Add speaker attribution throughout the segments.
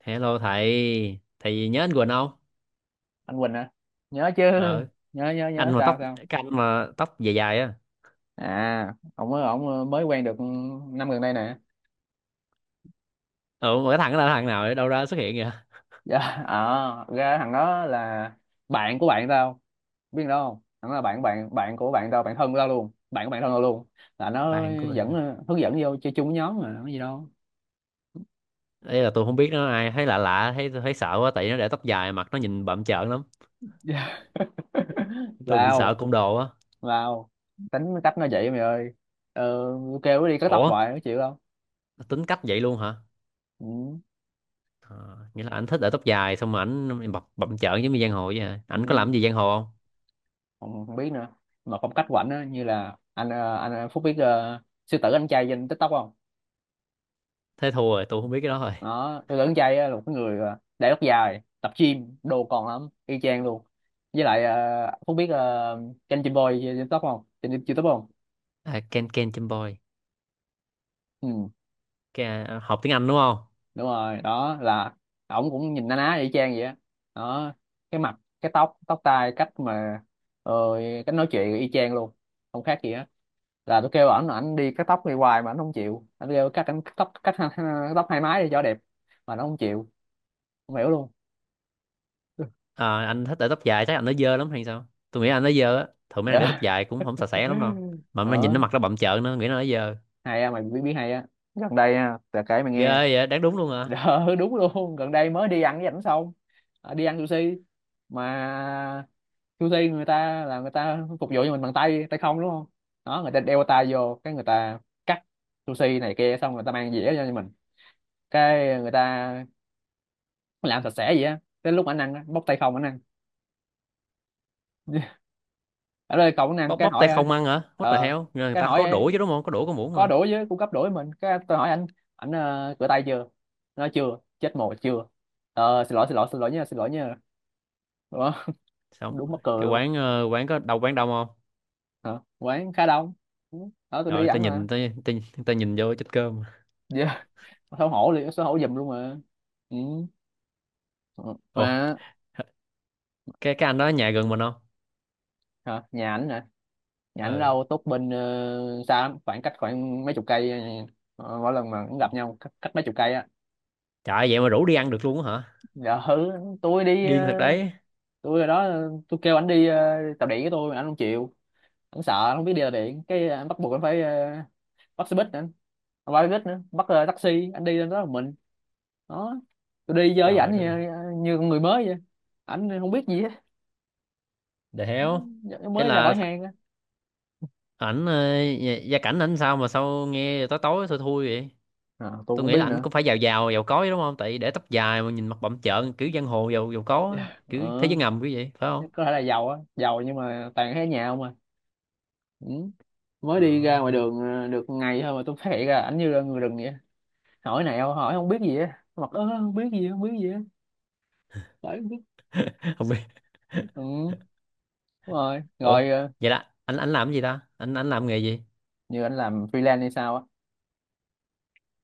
Speaker 1: Hello thầy, thầy nhớ anh Quỳnh không?
Speaker 2: Anh Quỳnh hả? Nhớ chứ.
Speaker 1: ờ
Speaker 2: nhớ nhớ
Speaker 1: anh
Speaker 2: nhớ
Speaker 1: mà
Speaker 2: sao
Speaker 1: tóc,
Speaker 2: sao?
Speaker 1: cái anh mà tóc dài dài á.
Speaker 2: À, ông mới quen được năm gần đây nè.
Speaker 1: Ừ mà cái thằng đó là thằng nào ở đâu ra xuất hiện kìa?
Speaker 2: Dạ. Ra thằng đó là bạn của bạn tao. Biết đâu không, thằng đó là bạn bạn bạn của bạn tao, bạn thân của tao luôn, bạn của bạn thân tao luôn. Là nó
Speaker 1: Bạn của bạn?
Speaker 2: dẫn, hướng dẫn vô chơi chung với nhóm mà có gì đâu.
Speaker 1: Ấy là tôi không biết nó là ai, thấy lạ lạ, thấy thấy sợ quá, tại nó để tóc dài, mặt nó nhìn bặm trợn lắm.
Speaker 2: Dạ.
Speaker 1: Tôi bị sợ
Speaker 2: Lao,
Speaker 1: côn đồ á.
Speaker 2: lao, tính cách nó vậy mày ơi. ờ, Kêu nó đi cắt tóc
Speaker 1: Ủa,
Speaker 2: hoài nó chịu không.
Speaker 1: tính cách vậy luôn hả?
Speaker 2: Ừ.
Speaker 1: Ờ, nghĩa là ảnh thích để tóc dài xong mà ảnh bập bặm trợn giống như giang hồ vậy hả?
Speaker 2: Ừ,
Speaker 1: Ảnh có làm gì giang hồ không?
Speaker 2: không không biết nữa. Mà phong cách của ảnh á như là anh anh Phúc biết sư tử anh trai trên TikTok không?
Speaker 1: Thế thua rồi, tôi không biết cái đó rồi.
Speaker 2: Nó sư tử anh trai á là một cái người để tóc dài, tập gym đồ còn lắm, y chang luôn. Với lại Phúc biết kênh Jim Boy trên TikTok không, trên YouTube không?
Speaker 1: À, Ken, Ken Chim Boy.
Speaker 2: Ừ.
Speaker 1: Ken, học tiếng Anh đúng không?
Speaker 2: Đúng rồi, đó là ổng cũng nhìn na ná y chang vậy á. Đó, cái mặt, cái tóc tóc tai, cách mà ờ, cách nói chuyện y chang luôn, không khác gì hết. Là tôi kêu ảnh là ảnh đi cắt tóc đi hoài mà ảnh không chịu. Anh kêu cắt, ảnh cắt tóc, cắt tóc hai mái đi cho đẹp mà nó không chịu. Không hiểu luôn.
Speaker 1: Ờ, anh thích để tóc dài chắc anh nó dơ lắm hay sao. Tôi nghĩ anh nó dơ á, thường mấy anh để tóc
Speaker 2: Dạ.
Speaker 1: dài cũng không sạch sẽ lắm đâu. Mà mấy anh nhìn nó,
Speaker 2: Đó,
Speaker 1: mặt nó bặm trợn nữa, nghĩ nó dơ.
Speaker 2: hay á mày, biết biết hay á, gần đây á là kể mày
Speaker 1: Ghê
Speaker 2: nghe.
Speaker 1: vậy, đáng đúng luôn à.
Speaker 2: Đó, đúng luôn, gần đây mới đi ăn với ảnh xong. Ờ, đi ăn sushi mà sushi người ta là người ta phục vụ cho mình bằng tay tay không đúng không? Đó, người ta đeo tay vô cái người ta cắt sushi này kia, xong người ta mang dĩa cho mình, cái người ta làm sạch sẽ vậy á. Tới lúc ảnh ăn á, bóc tay không ảnh ăn. Ở đây cậu ảnh ăn
Speaker 1: Bóc,
Speaker 2: cái
Speaker 1: bóc tay
Speaker 2: hỏi á.
Speaker 1: không ăn hả? What the hell.
Speaker 2: Ờ,
Speaker 1: Rồi người
Speaker 2: cái
Speaker 1: ta
Speaker 2: hỏi
Speaker 1: có
Speaker 2: á,
Speaker 1: đũa chứ đúng không, có đũa có muỗng
Speaker 2: có
Speaker 1: mà.
Speaker 2: đũa với cung cấp đũa với mình, cái tôi hỏi anh ảnh rửa tay chưa. Nó nói chưa, chết mồ chưa. Ờ, xin lỗi nha, xin lỗi nha. Ủa,
Speaker 1: Xong,
Speaker 2: đúng mắc cười
Speaker 1: cái
Speaker 2: luôn.
Speaker 1: quán quán có đâu, quán đông không?
Speaker 2: Hả? Quán khá đông. Ừ, đó, tôi đi
Speaker 1: Rồi
Speaker 2: với
Speaker 1: người ta
Speaker 2: ảnh mà.
Speaker 1: nhìn ta, ta, ta nhìn vô chết cơm.
Speaker 2: Giờ xấu hổ liền, xấu hổ giùm luôn mà. Ừ. Ờ,
Speaker 1: Ồ,
Speaker 2: mà
Speaker 1: cái anh đó ở nhà gần mình không?
Speaker 2: hả? Nhà ảnh nè, nhà ảnh
Speaker 1: Ừ.
Speaker 2: đâu tốt bên. Uh, xa lắm, khoảng cách khoảng mấy chục cây. Ờ, mỗi lần mà cũng gặp nhau cách, cách mấy chục cây á.
Speaker 1: Trời ơi, vậy mà rủ đi ăn được luôn á hả?
Speaker 2: Dạ hử. Tôi đi
Speaker 1: Điên thật đấy.
Speaker 2: tôi ở đó, tôi kêu ảnh đi tàu điện với tôi mà ảnh không chịu. Ảnh sợ, ảnh không biết đi tàu điện, cái ảnh bắt buộc ảnh phải bắt xe buýt nữa. Không phải xe buýt nữa, bắt taxi ảnh đi lên đó một mình. Đó, tôi đi chơi với ảnh
Speaker 1: Trời đất ơi.
Speaker 2: như con người mới vậy. Ảnh không biết gì hết.
Speaker 1: The hell.
Speaker 2: Dạ,
Speaker 1: Ý
Speaker 2: mới ra
Speaker 1: là
Speaker 2: khỏi hang á.
Speaker 1: ảnh gia, gia cảnh ảnh sao mà sao nghe tối tối thui thui vậy?
Speaker 2: À, tôi
Speaker 1: Tôi
Speaker 2: cũng
Speaker 1: nghĩ là
Speaker 2: biết
Speaker 1: ảnh
Speaker 2: nữa.
Speaker 1: cũng phải giàu, giàu giàu có chứ đúng không, tại để tóc dài mà nhìn mặt bặm trợn kiểu giang hồ giàu, giàu có á,
Speaker 2: Dạ.
Speaker 1: kiểu thế
Speaker 2: Ờ,
Speaker 1: giới ngầm kiểu vậy phải không?
Speaker 2: chắc có thể là giàu á, giàu nhưng mà toàn thấy ở nhà không à. Ừ, mới đi ra ngoài
Speaker 1: Ờ.
Speaker 2: đường được ngày thôi mà tôi phát hiện ra ảnh như là người rừng vậy. Hỏi nào hỏi không biết gì á, mặt ớ không biết gì, không biết gì á, phải không biết.
Speaker 1: Không biết.
Speaker 2: Ừ, đúng rồi
Speaker 1: Ủa,
Speaker 2: rồi ờ,
Speaker 1: vậy là anh làm cái gì ta, anh làm nghề gì?
Speaker 2: như anh làm freelance hay sao á.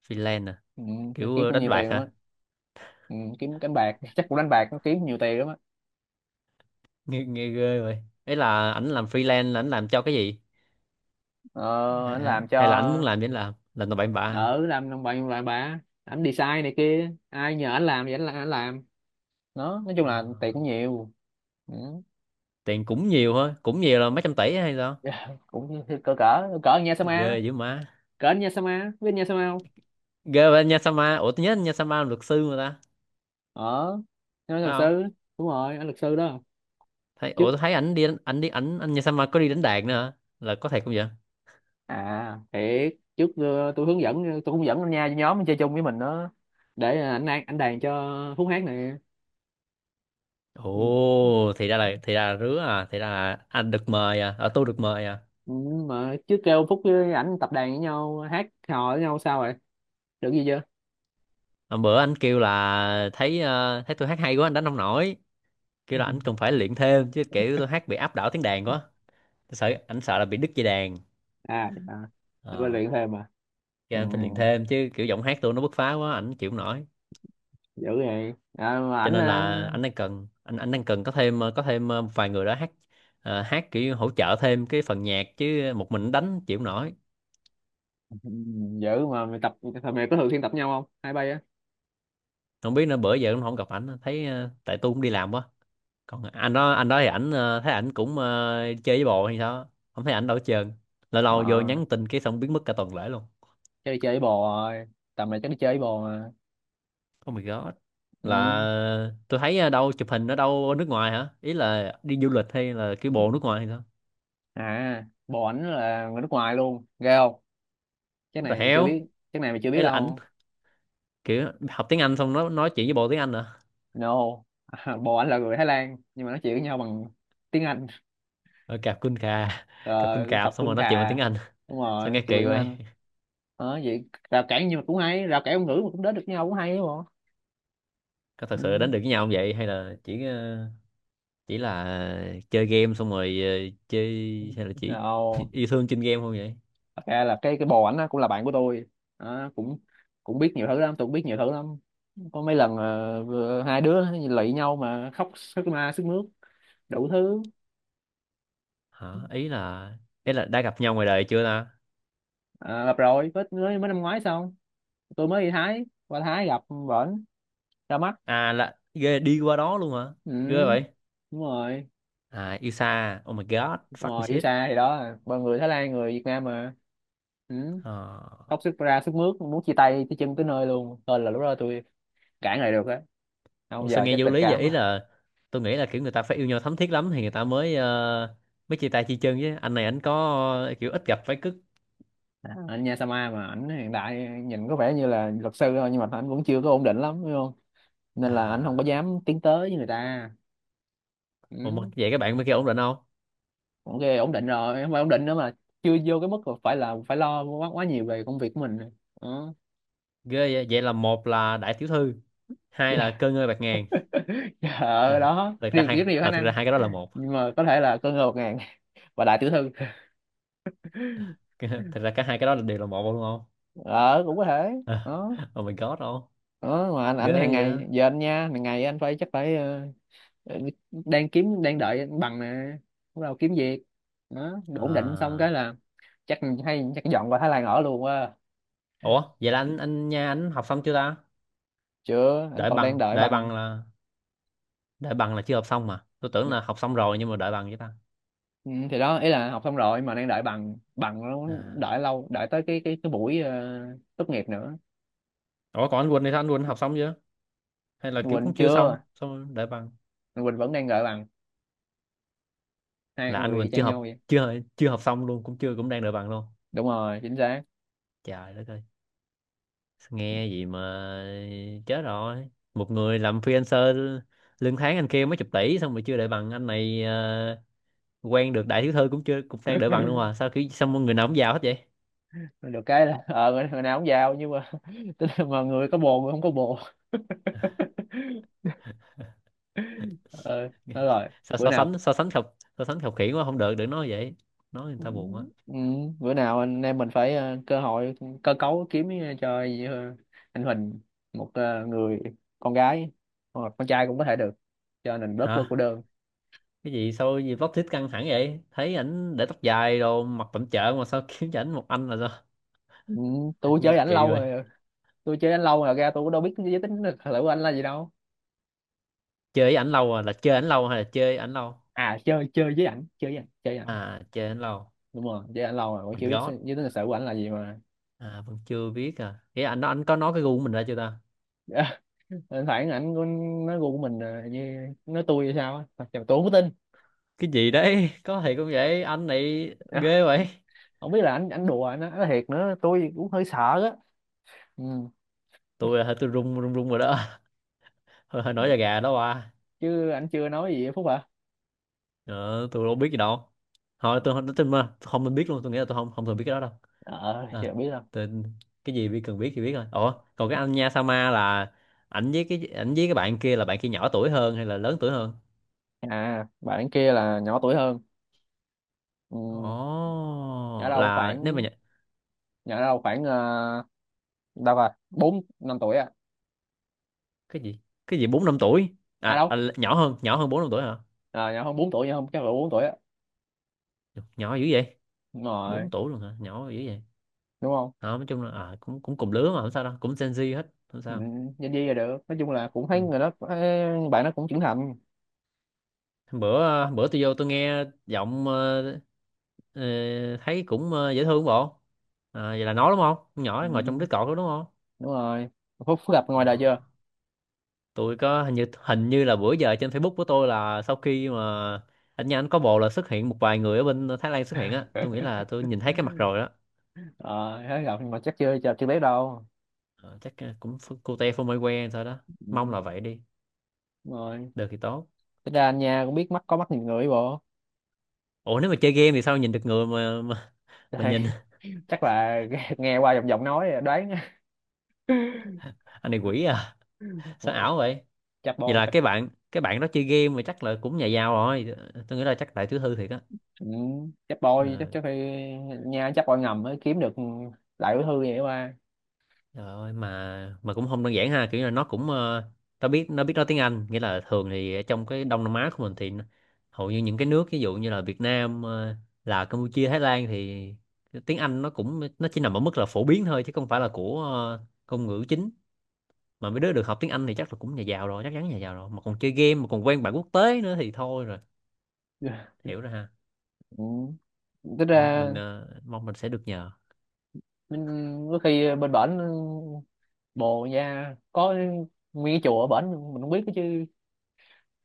Speaker 1: Freelance à?
Speaker 2: Ừ,
Speaker 1: Kiểu
Speaker 2: kiếm cũng
Speaker 1: đánh
Speaker 2: nhiều
Speaker 1: bạc
Speaker 2: tiền lắm á.
Speaker 1: hả?
Speaker 2: Ừ, kiếm đánh bạc. Chắc cũng đánh bạc nó kiếm nhiều tiền lắm á.
Speaker 1: Nghe, nghe ghê vậy. Ấy là ảnh làm freelance là ảnh làm cho cái gì?
Speaker 2: Ờ, anh
Speaker 1: Hả?
Speaker 2: làm cho
Speaker 1: Hay là ảnh muốn làm gì ảnh làm tầm bậy bạ à?
Speaker 2: ở làm đồng bằng lại bà ảnh design này kia, ai nhờ anh làm thì anh làm. Nó nói chung
Speaker 1: Ờ,
Speaker 2: là tiền cũng nhiều. Ừ.
Speaker 1: tiền cũng nhiều hả, cũng nhiều là mấy trăm tỷ hay sao?
Speaker 2: Cũng cỡ cỡ cỡ anh nha Sama.
Speaker 1: Ghê dữ má.
Speaker 2: Cỡ anh nha Sama, biết anh nha Sama không?
Speaker 1: Ghê vậy, anh Nha Sama. Ủa, tôi nhớ anh Nha Sama là luật sư mà ta,
Speaker 2: Ở, nói
Speaker 1: phải
Speaker 2: luật
Speaker 1: không?
Speaker 2: sư. Đúng rồi, anh luật sư đó.
Speaker 1: Thấy,
Speaker 2: Trước,
Speaker 1: ủa tôi thấy ảnh đi đánh-, ảnh đi, ảnh anh nhà sao mà có đi đánh đàn nữa hả? Là có thiệt không vậy?
Speaker 2: à thế trước tôi hướng dẫn, tôi cũng dẫn anh nha nhóm anh chơi chung với mình đó, để anh đàn cho Phúc hát nè.
Speaker 1: Ồ, thì ra là, thì ra là rứa à, thì ra là anh được mời à, ở tôi được mời à.
Speaker 2: Ừ, mà chứ kêu Phúc với ảnh tập đàn với nhau, hát hò với nhau sao rồi, được gì chưa?
Speaker 1: Hôm bữa anh kêu là thấy thấy tôi hát hay quá anh đánh không nổi. Kêu là anh cần phải luyện thêm chứ, kiểu tôi hát bị áp đảo tiếng đàn quá. Tôi sợ anh sợ là bị đứt dây đàn.
Speaker 2: À, à, bên
Speaker 1: Ờ,
Speaker 2: luyện thêm mà. Ừ,
Speaker 1: kêu anh phải luyện thêm chứ kiểu giọng hát tôi nó bứt phá quá, ảnh chịu không nổi.
Speaker 2: dữ vậy à, mà
Speaker 1: Cho
Speaker 2: ảnh
Speaker 1: nên là anh đang cần, anh đang cần có thêm có thêm một vài người đó hát, hát kiểu hỗ trợ thêm cái phần nhạc chứ một mình đánh chịu không nổi.
Speaker 2: ừ, dữ mà mày tập, thằng mày có thường xuyên tập nhau không hai bay á.
Speaker 1: Không biết nữa, bữa giờ cũng không gặp ảnh, thấy tại tôi cũng đi làm quá. Còn anh đó, anh đó thì ảnh thấy ảnh cũng chơi với bồ hay sao không thấy ảnh đâu hết trơn. Lâu lâu vô
Speaker 2: Ờ,
Speaker 1: nhắn tin cái xong biến mất cả tuần lễ luôn.
Speaker 2: chơi chơi với bồ rồi, tầm này chắc đi chơi với bồ mà.
Speaker 1: Oh my god. Là
Speaker 2: Ừ.
Speaker 1: tôi thấy ở đâu chụp hình ở đâu ở nước ngoài hả, ý là đi du lịch hay là cái bộ nước ngoài hay sao?
Speaker 2: À, bồ ảnh là người nước ngoài luôn, ghê không? Cái
Speaker 1: Rồi
Speaker 2: này mày chưa biết,
Speaker 1: heo.
Speaker 2: cái này mày chưa biết
Speaker 1: Ấy là ảnh
Speaker 2: đâu.
Speaker 1: kiểu học tiếng Anh xong nó nói chuyện với bộ tiếng Anh hả?
Speaker 2: No. Bồ anh là người Thái Lan nhưng mà nói chuyện với nhau bằng tiếng Anh.
Speaker 1: Ở cạp quân cà. Cặp quân
Speaker 2: Rồi cặp
Speaker 1: cạp xong rồi
Speaker 2: Khun
Speaker 1: nói chuyện bằng
Speaker 2: Khà.
Speaker 1: tiếng Anh.
Speaker 2: Đúng
Speaker 1: Sao
Speaker 2: rồi,
Speaker 1: nghe
Speaker 2: chuyện
Speaker 1: kỳ
Speaker 2: bằng
Speaker 1: vậy?
Speaker 2: Anh. Đó, vậy rào cản, nhưng mà cũng hay, rào cản ngôn ngữ mà cũng đến được nhau cũng hay đúng không?
Speaker 1: Có thật
Speaker 2: Ừ.
Speaker 1: sự đến được với nhau không vậy, hay là chỉ chỉ là chơi game xong rồi chơi, hay là chỉ
Speaker 2: Rồi,
Speaker 1: yêu thương trên game không vậy?
Speaker 2: thật ra là cái bồ ảnh á, cũng là bạn của tôi. Đó, cũng cũng biết nhiều thứ lắm, tôi cũng biết nhiều thứ lắm. Có mấy lần hai đứa lụy nhau mà khóc sướt mướt đủ thứ.
Speaker 1: Hả? Ý là, ý là đã gặp nhau ngoài đời chưa ta?
Speaker 2: À, gặp rồi, mới mới mới năm ngoái xong tôi mới đi Thái, qua Thái gặp bển, ra mắt.
Speaker 1: À, là ghê, đi qua đó luôn hả? Ghê
Speaker 2: Ừ.
Speaker 1: vậy.
Speaker 2: Đúng rồi.
Speaker 1: À yêu xa, oh my god,
Speaker 2: Đúng
Speaker 1: fucking
Speaker 2: rồi, yêu
Speaker 1: shit.
Speaker 2: xa thì đó ba, người Thái Lan người Việt Nam mà. Ừ.
Speaker 1: Ờ.
Speaker 2: Khóc sức ra sức mướt, muốn chia tay tới chân tới nơi luôn, thôi là lúc đó tôi cãi lại được á.
Speaker 1: Ủa
Speaker 2: Không,
Speaker 1: sao
Speaker 2: giờ
Speaker 1: nghe
Speaker 2: chắc
Speaker 1: vô
Speaker 2: tình
Speaker 1: lý vậy,
Speaker 2: cảm
Speaker 1: ý
Speaker 2: á.
Speaker 1: là tôi nghĩ là kiểu người ta phải yêu nhau thấm thiết lắm thì người ta mới mới chia tay chi chân chứ, anh này anh có kiểu ít gặp phải cứ.
Speaker 2: À, anh Nha Sama mà ảnh hiện tại nhìn có vẻ như là luật sư thôi nhưng mà ảnh vẫn chưa có ổn định lắm đúng không, nên là ảnh không có
Speaker 1: À,
Speaker 2: dám tiến tới với người ta.
Speaker 1: ủa mà
Speaker 2: Ừ.
Speaker 1: vậy các bạn bên kia ổn định không?
Speaker 2: Ok, ổn định rồi, không phải ổn định nữa mà chưa vô cái mức là phải lo quá quá nhiều về công việc của mình. Ừ.
Speaker 1: Ghê vậy, vậy là một là đại tiểu thư, hai là cơ ngơi bạc ngàn. Ha,
Speaker 2: Ờ, đó
Speaker 1: thực ra
Speaker 2: điều
Speaker 1: hai,
Speaker 2: rất nhiều khả
Speaker 1: à, thực ra
Speaker 2: năng.
Speaker 1: hai cái đó là một.
Speaker 2: Nhưng mà có thể là con ngựa một ngàn và đại tiểu thư.
Speaker 1: Thực ra cả hai cái đó là đều là một luôn đúng không?
Speaker 2: Ờ, cũng có thể.
Speaker 1: À.
Speaker 2: Đó,
Speaker 1: Oh my god, không?
Speaker 2: đó mà
Speaker 1: Ghê
Speaker 2: ảnh hàng
Speaker 1: vậy.
Speaker 2: ngày, giờ anh nha hàng ngày anh phải chắc phải đang kiếm, đang đợi anh bằng nè, bắt đầu kiếm việc. Đó, đủ ổn định xong cái
Speaker 1: À,
Speaker 2: là chắc, hay chắc dọn qua Thái Lan ở luôn quá.
Speaker 1: ủa vậy là anh nha anh học xong chưa ta?
Speaker 2: Chưa, anh còn đang đợi
Speaker 1: Đợi
Speaker 2: bằng.
Speaker 1: bằng là, đợi bằng là chưa học xong mà. Tôi tưởng là học xong rồi nhưng mà đợi bằng vậy ta.
Speaker 2: Ừ, thì đó ý là học xong rồi mà đang đợi bằng, bằng nó
Speaker 1: À.
Speaker 2: đợi lâu, đợi tới cái buổi tốt nghiệp nữa.
Speaker 1: Ủa còn anh Quỳnh thì sao? Anh Quỳnh học xong chưa? Hay là kiểu
Speaker 2: Quỳnh
Speaker 1: cũng chưa xong,
Speaker 2: chưa,
Speaker 1: xong rồi đợi bằng?
Speaker 2: Quỳnh vẫn đang đợi bằng, hai
Speaker 1: Là anh
Speaker 2: người y
Speaker 1: Quỳnh chưa
Speaker 2: chang nhau
Speaker 1: học,
Speaker 2: vậy.
Speaker 1: chưa chưa học xong luôn, cũng chưa, cũng đang đợi bằng luôn.
Speaker 2: Đúng rồi, chính xác.
Speaker 1: Trời đất ơi, nghe gì mà chết rồi. Một người làm freelancer lương tháng anh kia mấy chục tỷ, xong rồi chưa đợi bằng, anh này quen được đại thiếu thư cũng chưa, cũng đang đợi bằng luôn mà sao kiểu sao mọi người nào cũng giàu hết vậy?
Speaker 2: Được cái là ờ, người người nào cũng giàu nhưng mà tức là mà người có bồ, người không có bồ. Ờ, nói rồi.
Speaker 1: Sao
Speaker 2: Bữa
Speaker 1: so
Speaker 2: nào,
Speaker 1: sánh, so sánh khập, so sánh khập khiễng quá không được, đừng nói vậy. Nói người ta buồn quá.
Speaker 2: ừ, bữa nào anh em mình phải cơ hội, cơ cấu kiếm cho ờ, anh Huỳnh một người con gái, hoặc con trai cũng có thể được, cho nên bớt bớt cô
Speaker 1: Hả?
Speaker 2: đơn.
Speaker 1: Cái gì sao gì plot twist căng thẳng vậy? Thấy ảnh để tóc dài đồ mặt tẩm chợ mà sao kiếm cho ảnh một anh là sao?
Speaker 2: Ừ, tôi
Speaker 1: Nghe
Speaker 2: chơi ảnh
Speaker 1: kỳ
Speaker 2: lâu
Speaker 1: rồi.
Speaker 2: rồi. Tôi chơi ảnh lâu rồi ra, tôi cũng đâu biết giới tính được thử của anh là gì đâu.
Speaker 1: Chơi với ảnh lâu à, là chơi ảnh lâu hay là chơi ảnh lâu?
Speaker 2: À, chơi chơi với ảnh chơi với ảnh chơi với ảnh.
Speaker 1: À chơi ảnh lâu.
Speaker 2: Đúng rồi, chứ ảnh lâu rồi cũng
Speaker 1: My
Speaker 2: chưa biết
Speaker 1: God.
Speaker 2: giới tính lịch sử của ảnh là gì mà.
Speaker 1: À vẫn chưa biết à. Vậy anh có nói cái gu của mình ra chưa ta?
Speaker 2: Thỉnh thoảng ảnh có nói gu của mình ờ, như nói tôi hay sao á. Thật sự tôi không có tin.
Speaker 1: Cái gì đấy? Có thì cũng vậy, anh này
Speaker 2: Dạ,
Speaker 1: ghê vậy.
Speaker 2: không biết là ảnh ảnh đùa ảnh nói thiệt nữa, tôi cũng hơi sợ á. Ừ.
Speaker 1: Tôi là tôi run, run run rồi đó. Hơi, hơi nổi da gà đó ba.
Speaker 2: Chứ ảnh chưa nói gì á Phúc hả?
Speaker 1: Ờ, tôi đâu biết gì đâu. Thôi tôi không, tôi, mà tôi không biết luôn, tôi nghĩ là tôi không, không thường biết cái đó đâu.
Speaker 2: Ờ,
Speaker 1: À,
Speaker 2: chưa biết đâu.
Speaker 1: tôi, cái gì biết cần biết thì biết thôi. Ủa, còn cái anh Nha Sama là ảnh với cái, ảnh với cái bạn kia là bạn kia nhỏ tuổi hơn hay là lớn tuổi hơn?
Speaker 2: À, bạn kia là nhỏ tuổi hơn. Ừ. Nhỏ
Speaker 1: Ồ,
Speaker 2: đâu
Speaker 1: là nếu mà
Speaker 2: khoảng, nhỏ đâu khoảng đâu rồi bốn năm tuổi à.
Speaker 1: cái gì? Cái gì 4 5 tuổi?
Speaker 2: À
Speaker 1: À, à
Speaker 2: đâu,
Speaker 1: nhỏ hơn 4 5 tuổi hả?
Speaker 2: à, nhỏ hơn 4 tuổi, nhỏ hơn chắc là bốn tuổi á.
Speaker 1: Nhỏ dữ vậy?
Speaker 2: Đúng rồi,
Speaker 1: Bốn tuổi luôn hả, nhỏ dữ vậy.
Speaker 2: đúng không.
Speaker 1: Ờ, nói chung là à, cũng, cũng cùng lứa mà không sao đâu, cũng Gen Z hết không
Speaker 2: Ừ,
Speaker 1: sao.
Speaker 2: nhân viên là được, nói chung là cũng thấy
Speaker 1: Ừ.
Speaker 2: người đó ấy, bạn nó cũng trưởng thành.
Speaker 1: Bữa bữa tôi vô tôi nghe giọng ờ, thấy cũng dễ thương bộ. À, vậy là nó đúng không, con nhỏ
Speaker 2: Ừ,
Speaker 1: ngồi trong đứa cọt đó đúng không?
Speaker 2: đúng rồi. Phúc gặp
Speaker 1: Ờ,
Speaker 2: ngoài đời chưa?
Speaker 1: tôi có hình như, hình như là bữa giờ trên Facebook của tôi là sau khi mà anh nha anh có bồ là xuất hiện một vài người ở bên Thái Lan xuất hiện á, tôi nghĩ là tôi nhìn thấy cái mặt rồi đó.
Speaker 2: Ờ, thấy gặp mà chắc chưa chưa chưa biết đâu.
Speaker 1: Ờ, chắc cũng cô te phô mai que sao đó. Mong là
Speaker 2: Ừ,
Speaker 1: vậy đi.
Speaker 2: đúng rồi.
Speaker 1: Được thì tốt.
Speaker 2: Tính ra anh nha cũng biết mắt, có mắt nhìn người bộ.
Speaker 1: Ủa nếu mà chơi game thì sao nhìn được người mà
Speaker 2: Đây,
Speaker 1: nhìn,
Speaker 2: chắc là nghe nghe qua giọng giọng nói đoán.
Speaker 1: anh này quỷ à, sao
Speaker 2: Ôi,
Speaker 1: ảo vậy. Vậy là
Speaker 2: chắc.
Speaker 1: cái bạn, cái bạn đó chơi game mà chắc là cũng nhà giàu rồi. Tôi nghĩ là chắc tại thứ thư thiệt á.
Speaker 2: Ừ,
Speaker 1: Ờ,
Speaker 2: chắc phải nha, chắc bôi ngầm mới kiếm được đại bí thư vậy qua.
Speaker 1: trời ơi mà cũng không đơn giản ha, kiểu là nó cũng nó biết, nó biết nói tiếng Anh nghĩa là thường thì ở trong cái Đông Nam Á của mình thì hầu như những cái nước ví dụ như là Việt Nam Lào, Campuchia, Thái Lan thì tiếng Anh nó cũng nó chỉ nằm ở mức là phổ biến thôi chứ không phải là của ngôn ngữ chính. Mà mấy đứa được học tiếng Anh thì chắc là cũng nhà giàu rồi, chắc chắn nhà giàu rồi mà còn chơi game mà còn quen bạn quốc tế nữa thì thôi rồi. Hiểu rồi ha.
Speaker 2: Ừ. Tính
Speaker 1: Thôi
Speaker 2: ra,
Speaker 1: mình mong mình sẽ được nhờ.
Speaker 2: ừ, có khi bên bển bồ nha có nguyên cái chùa ở bển mình không biết đó chứ.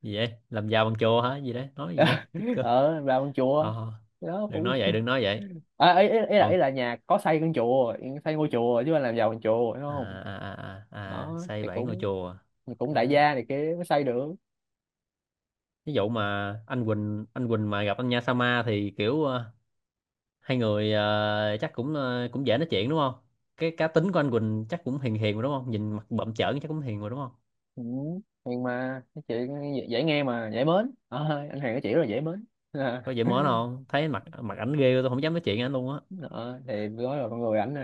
Speaker 1: Gì vậy, làm giàu bằng chùa hả, gì đấy nói gì vậy? Chích cơ.
Speaker 2: Ở vào con chùa.
Speaker 1: Thôi thôi,
Speaker 2: Đó
Speaker 1: đừng
Speaker 2: cũng,
Speaker 1: nói vậy, đừng nói vậy.
Speaker 2: à, ý, ý, ý là
Speaker 1: Còn
Speaker 2: ý là nhà có xây con chùa, xây ngôi chùa chứ không làm giàu con chùa đúng
Speaker 1: à
Speaker 2: không?
Speaker 1: à à, à, à
Speaker 2: Đó
Speaker 1: xây
Speaker 2: thì
Speaker 1: 7 ngôi
Speaker 2: cũng,
Speaker 1: chùa.
Speaker 2: thì cũng
Speaker 1: Ok.
Speaker 2: đại gia này kia mới xây được.
Speaker 1: Ví dụ mà anh Quỳnh, anh Quỳnh mà gặp anh Nha Sama thì kiểu hai người chắc cũng cũng dễ nói chuyện đúng không? Cái cá tính của anh Quỳnh chắc cũng hiền hiền rồi đúng không, nhìn mặt bậm trợn chắc cũng hiền rồi đúng không?
Speaker 2: Ừ. Nhưng mà cái chuyện dễ, dễ nghe mà dễ mến. Ờ, anh Hoàng nói chuyện rất là dễ mến.
Speaker 1: Có dễ mến không, thấy mặt, mặt ảnh ghê tôi không dám nói chuyện với ảnh luôn á.
Speaker 2: Đó, thì nói là con người ảnh là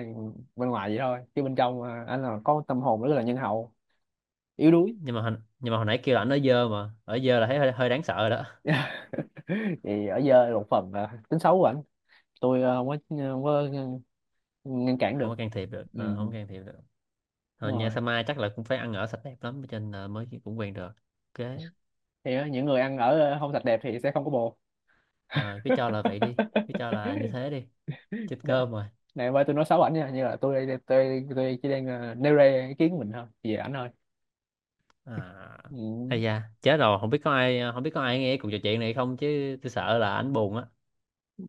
Speaker 2: bên ngoài vậy thôi, chứ bên trong à, anh là có tâm hồn rất là nhân hậu, yếu đuối.
Speaker 1: Nhưng mà hồi, nhưng mà hồi nãy kêu là ảnh ở dơ mà, ở dơ là thấy hơi, hơi đáng sợ rồi đó.
Speaker 2: Thì ở dơ là một phần à, tính xấu của ảnh. Tôi không có ờ, ngăn cản
Speaker 1: Không
Speaker 2: được.
Speaker 1: có can thiệp được.
Speaker 2: Ừ,
Speaker 1: Ờ, không can thiệp được. Ờ,
Speaker 2: đúng
Speaker 1: nhà
Speaker 2: rồi.
Speaker 1: Sama chắc là cũng phải ăn ở sạch đẹp lắm cho nên là mới cũng quen được. Ok.
Speaker 2: Thì á, những người ăn ở không sạch đẹp thì sẽ không có bồ.
Speaker 1: Ờ, cứ cho là vậy đi. Cứ cho là như thế đi. Chết
Speaker 2: Này,
Speaker 1: cơm rồi.
Speaker 2: này ơi, tôi nói xấu ảnh nha, như là tôi đây tôi chỉ đang nêu ra ý kiến của mình thôi, về ảnh thôi.
Speaker 1: À
Speaker 2: Ừ.
Speaker 1: ây da chết rồi, không biết có ai không biết có ai nghe cuộc trò chuyện này không chứ tôi sợ là ảnh buồn á.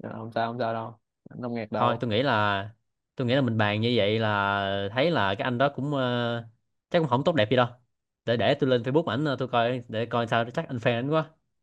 Speaker 2: Ờ, không sao, không sao đâu, không ngạc
Speaker 1: Thôi
Speaker 2: đâu.
Speaker 1: tôi nghĩ là, tôi nghĩ là mình bàn như vậy là thấy là cái anh đó cũng chắc cũng không tốt đẹp gì đâu. Để tôi lên Facebook ảnh tôi coi để coi sao chắc anh fan ảnh quá.